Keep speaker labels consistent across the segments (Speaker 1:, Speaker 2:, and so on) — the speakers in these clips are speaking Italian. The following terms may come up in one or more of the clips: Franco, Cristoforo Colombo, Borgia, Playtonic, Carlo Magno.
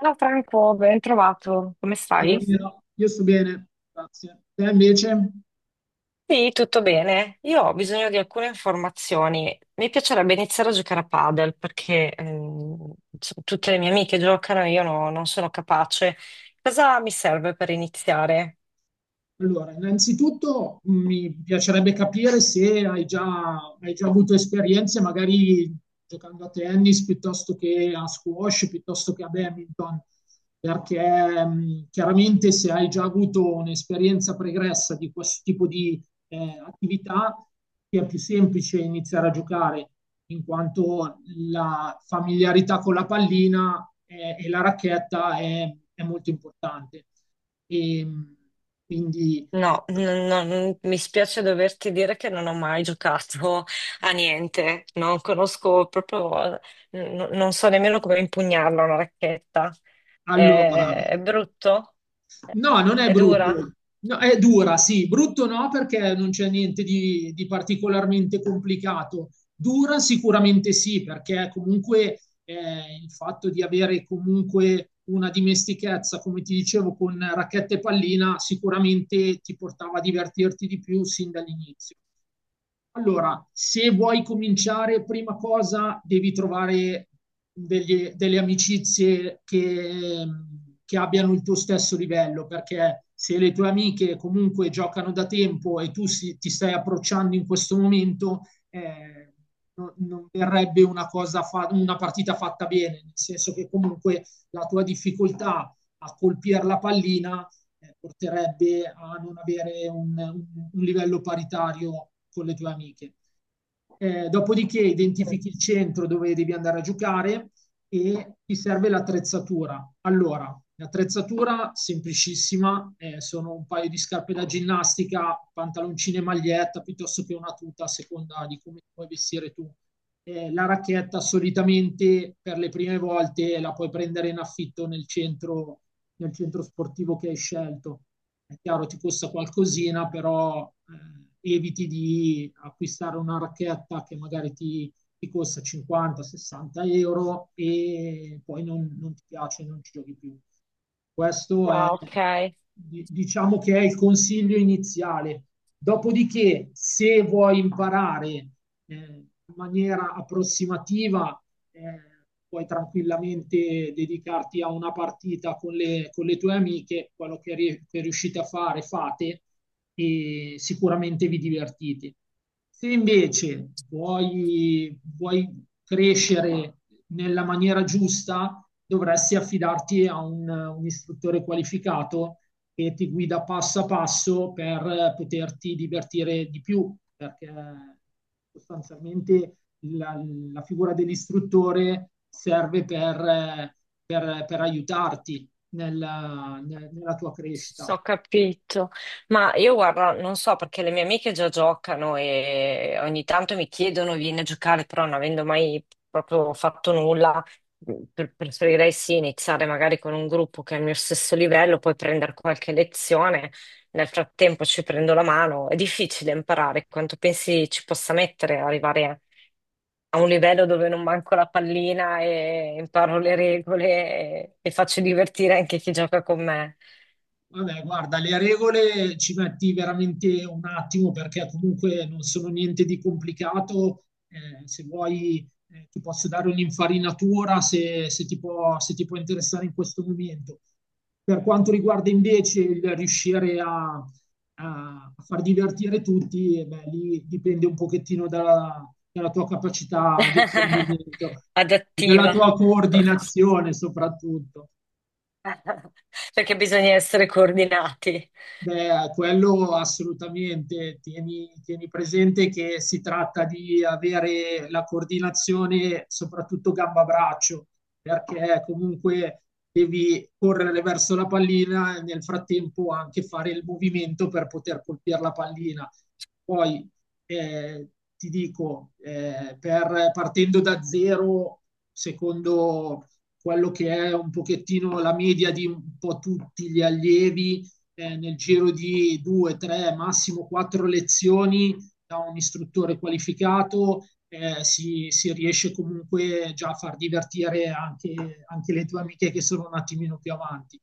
Speaker 1: Ciao Franco, ben trovato. Come
Speaker 2: Allora,
Speaker 1: stai?
Speaker 2: Io no. io sto bene, grazie. Te invece?
Speaker 1: Sì, tutto bene. Io ho bisogno di alcune informazioni. Mi piacerebbe iniziare a giocare a padel perché insomma, tutte le mie amiche giocano e io no- non sono capace. Cosa mi serve per iniziare?
Speaker 2: Allora, innanzitutto mi piacerebbe capire se hai già avuto esperienze, magari giocando a tennis piuttosto che a squash, piuttosto che a badminton, perché chiaramente se hai già avuto un'esperienza pregressa di questo tipo di attività, ti è più semplice iniziare a giocare, in quanto la familiarità con la pallina e la racchetta è molto importante. E, quindi,
Speaker 1: No, mi spiace doverti dire che non ho mai giocato a niente. Non conosco proprio, non so nemmeno come impugnarla una racchetta.
Speaker 2: allora,
Speaker 1: È brutto?
Speaker 2: no, non è
Speaker 1: È dura?
Speaker 2: brutto. No, è dura, sì, brutto no perché non c'è niente di particolarmente complicato, dura sicuramente sì perché comunque il fatto di avere comunque una dimestichezza, come ti dicevo, con racchetta e pallina sicuramente ti portava a divertirti di più sin dall'inizio. Allora, se vuoi cominciare, prima cosa devi trovare delle amicizie che abbiano il tuo stesso livello, perché se le tue amiche comunque giocano da tempo e ti stai approcciando in questo momento, eh, non verrebbe una una partita fatta bene, nel senso che comunque la tua difficoltà a colpire la pallina porterebbe a non avere un livello paritario con le tue amiche. Dopodiché identifichi il centro dove devi andare a giocare e ti serve l'attrezzatura. Allora, l'attrezzatura semplicissima, sono un paio di scarpe da ginnastica, pantaloncine e maglietta, piuttosto che una tuta a seconda di come puoi vestire tu. La racchetta solitamente per le prime volte la puoi prendere in affitto nel centro sportivo che hai scelto. È chiaro, ti costa qualcosina, però eviti di acquistare una racchetta che magari ti costa 50-60 euro e poi non ti piace, non ci giochi più. Questo è,
Speaker 1: Ah, ok,
Speaker 2: diciamo che è il consiglio iniziale. Dopodiché, se vuoi imparare in maniera approssimativa, eh, puoi tranquillamente dedicarti a una partita con con le tue amiche, quello che riuscite a fare fate e sicuramente vi divertite. Se invece vuoi crescere nella maniera giusta, dovresti affidarti a un istruttore qualificato che ti guida passo a passo per poterti divertire di più, perché sostanzialmente la, la figura dell'istruttore serve per aiutarti nella tua crescita.
Speaker 1: ho capito. Ma io guarda, non so perché le mie amiche già giocano e ogni tanto mi chiedono vieni a giocare, però non avendo mai proprio fatto nulla, preferirei sì iniziare magari con un gruppo che è al mio stesso livello, poi prendere qualche lezione. Nel frattempo ci prendo la mano. È difficile imparare, quanto pensi ci possa mettere ad arrivare a un livello dove non manco la pallina e imparo le regole e, faccio divertire anche chi gioca con me.
Speaker 2: Vabbè, guarda, le regole ci metti veramente un attimo perché comunque non sono niente di complicato. Se vuoi, ti posso dare un'infarinatura se ti se ti può interessare in questo momento. Per quanto riguarda invece il riuscire a far divertire tutti, beh, lì dipende un pochettino dalla tua capacità di apprendimento e della
Speaker 1: Adattiva.
Speaker 2: tua coordinazione soprattutto.
Speaker 1: Perché bisogna essere coordinati.
Speaker 2: Beh, quello assolutamente. Tieni presente che si tratta di avere la coordinazione, soprattutto gamba-braccio, perché comunque devi correre verso la pallina e nel frattempo anche fare il movimento per poter colpire la pallina. Poi eh, ti dico, partendo da zero, secondo quello che è un pochettino la media di un po' tutti gli allievi nel giro di due, tre, massimo quattro lezioni da un istruttore qualificato si riesce comunque già a far divertire anche le tue amiche che sono un attimino più avanti.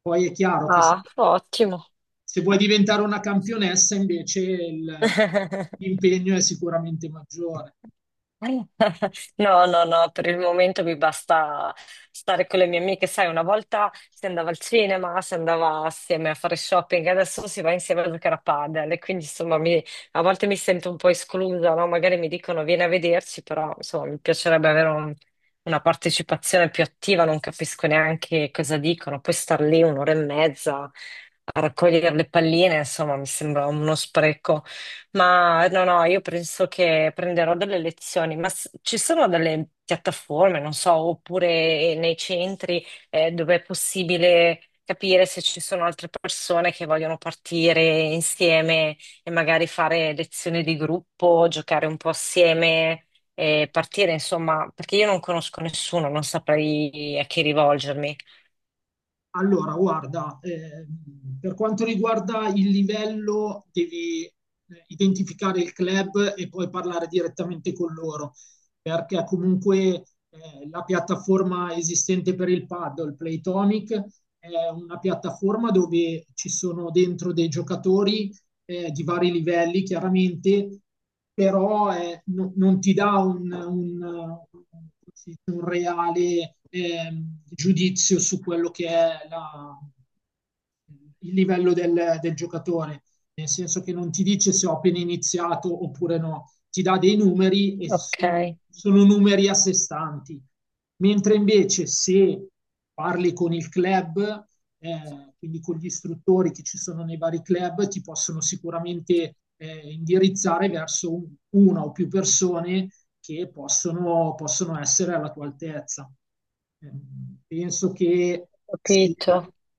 Speaker 2: Poi è chiaro che se,
Speaker 1: Ah, ottimo.
Speaker 2: se vuoi diventare una campionessa invece l'impegno è sicuramente maggiore.
Speaker 1: No, no, no, per il momento mi basta stare con le mie amiche. Sai, una volta si andava al cinema, si andava assieme a fare shopping, adesso si va insieme a giocare a padel e quindi insomma a volte mi sento un po' esclusa, no? Magari mi dicono vieni a vederci, però insomma mi piacerebbe avere una partecipazione più attiva, non capisco neanche cosa dicono, poi star lì un'ora e mezza a raccogliere le palline, insomma mi sembra uno spreco. Ma no, no, io penso che prenderò delle lezioni, ma ci sono delle piattaforme, non so, oppure nei centri dove è possibile capire se ci sono altre persone che vogliono partire insieme e magari fare lezioni di gruppo, giocare un po' assieme e partire, insomma, perché io non conosco nessuno, non saprei a chi rivolgermi.
Speaker 2: Allora, guarda, per quanto riguarda il livello, devi identificare il club e poi parlare direttamente con loro, perché comunque la piattaforma esistente per il paddle, Playtonic, è una piattaforma dove ci sono dentro dei giocatori di vari livelli, chiaramente, però non ti dà un reale giudizio su quello che è il livello del giocatore, nel senso che non ti dice se ho appena iniziato oppure no, ti dà dei numeri e
Speaker 1: Ok,
Speaker 2: sono numeri a sé stanti. Mentre invece se parli con il club, quindi con gli istruttori che ci sono nei vari club, ti possono sicuramente indirizzare verso una o più persone che possono essere alla tua altezza. Penso che se,
Speaker 1: capito.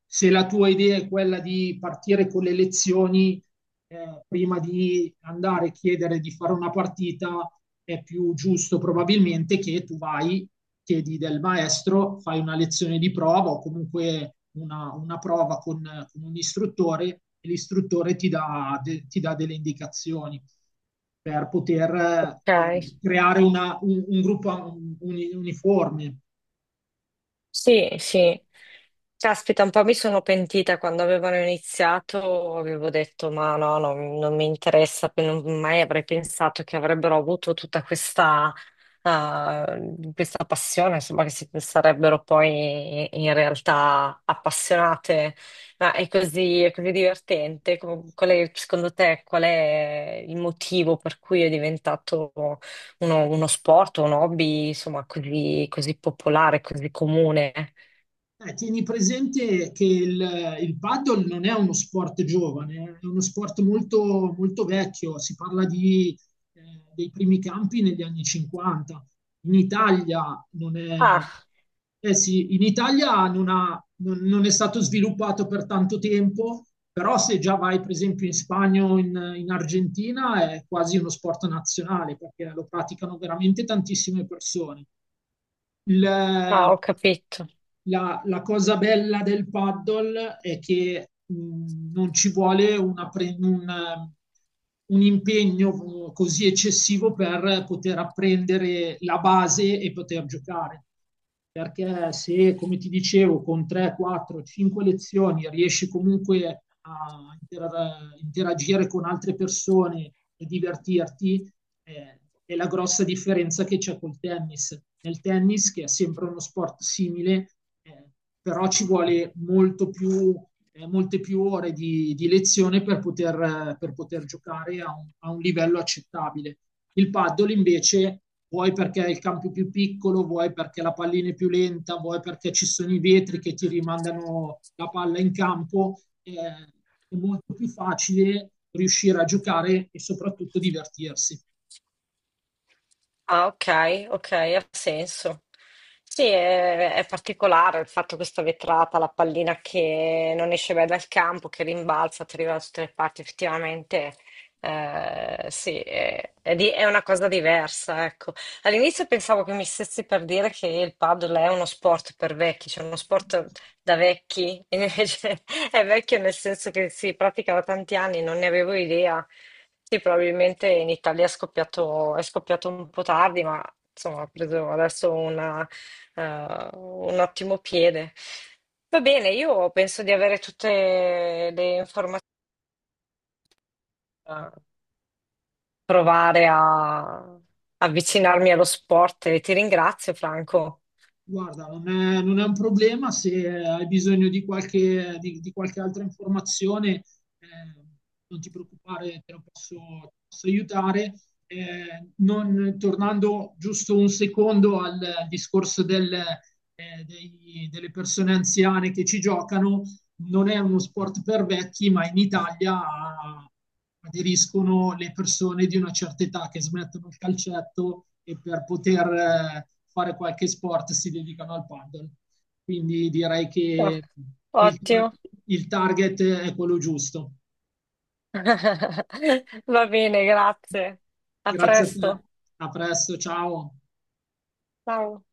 Speaker 2: se la tua idea è quella di partire con le lezioni, prima di andare a chiedere di fare una partita, è più giusto probabilmente che tu vai chiedi del maestro, fai una lezione di prova o comunque una prova con un istruttore e l'istruttore ti ti dà delle indicazioni per poter eh,
Speaker 1: Ok.
Speaker 2: creare un gruppo uniforme.
Speaker 1: Sì, sì. Caspita, un po' mi sono pentita quando avevano iniziato, avevo detto ma no, no, non mi interessa, non mai avrei pensato che avrebbero avuto tutta questa, eh, questa passione, insomma, che si sarebbero poi in realtà appassionate. Ma è così divertente. Qual è, secondo te, qual è il motivo per cui è diventato uno sport, un hobby, insomma, così, così popolare, così comune.
Speaker 2: Tieni presente che il paddle non è uno sport giovane, è uno sport molto vecchio, si parla di, dei primi campi negli anni 50. In Italia non è,
Speaker 1: Ah,
Speaker 2: eh sì, in Italia non ha- non- non è stato sviluppato per tanto tempo, però se già vai per esempio in Spagna o in Argentina è quasi uno sport nazionale perché lo praticano veramente tantissime persone. Il- eh,
Speaker 1: ah, ho capito.
Speaker 2: la cosa bella del paddle è che non ci vuole un impegno così eccessivo per poter apprendere la base e poter giocare. Perché se, come ti dicevo, con 3, 4, 5 lezioni riesci comunque a interagire con altre persone e divertirti, è la grossa differenza che c'è col tennis. Nel tennis, che è sempre uno sport simile, eh, però ci vuole molto più, molte più ore di lezione per poter giocare a a un livello accettabile. Il paddle invece vuoi perché il campo è più piccolo, vuoi perché la pallina è più lenta, vuoi perché ci sono i vetri che ti rimandano la palla in campo, è molto più facile riuscire a giocare e soprattutto divertirsi.
Speaker 1: Ah, ok, ok, ha senso. Sì, è particolare il fatto questa vetrata, la pallina che non esce mai dal campo, che rimbalza, ti arriva da tutte le parti, effettivamente, eh sì, è una cosa diversa, ecco. All'inizio pensavo che mi stessi per dire che il paddle è uno sport per vecchi, cioè uno sport da vecchi, e invece è vecchio nel senso che si pratica da tanti anni, non ne avevo idea. Sì, probabilmente in Italia è scoppiato un po' tardi, ma insomma ha preso adesso una, eh, un ottimo piede. Va bene, io penso di avere tutte le informazioni, da provare a avvicinarmi allo sport e ti ringrazio, Franco.
Speaker 2: Guarda, non è un problema se hai bisogno di di qualche altra informazione, eh, non ti preoccupare, posso aiutare. Tornando giusto un secondo al discorso delle persone anziane che ci giocano, non è uno sport per vecchi, ma in Italia ah, aderiscono le persone di una certa età che smettono il calcetto e per poter fare qualche sport si dedicano al paddle. Quindi direi
Speaker 1: Ah,
Speaker 2: che il,
Speaker 1: ottimo.
Speaker 2: il target è quello giusto.
Speaker 1: Va bene, grazie. A
Speaker 2: Grazie a te,
Speaker 1: presto.
Speaker 2: a presto, ciao.
Speaker 1: Ciao.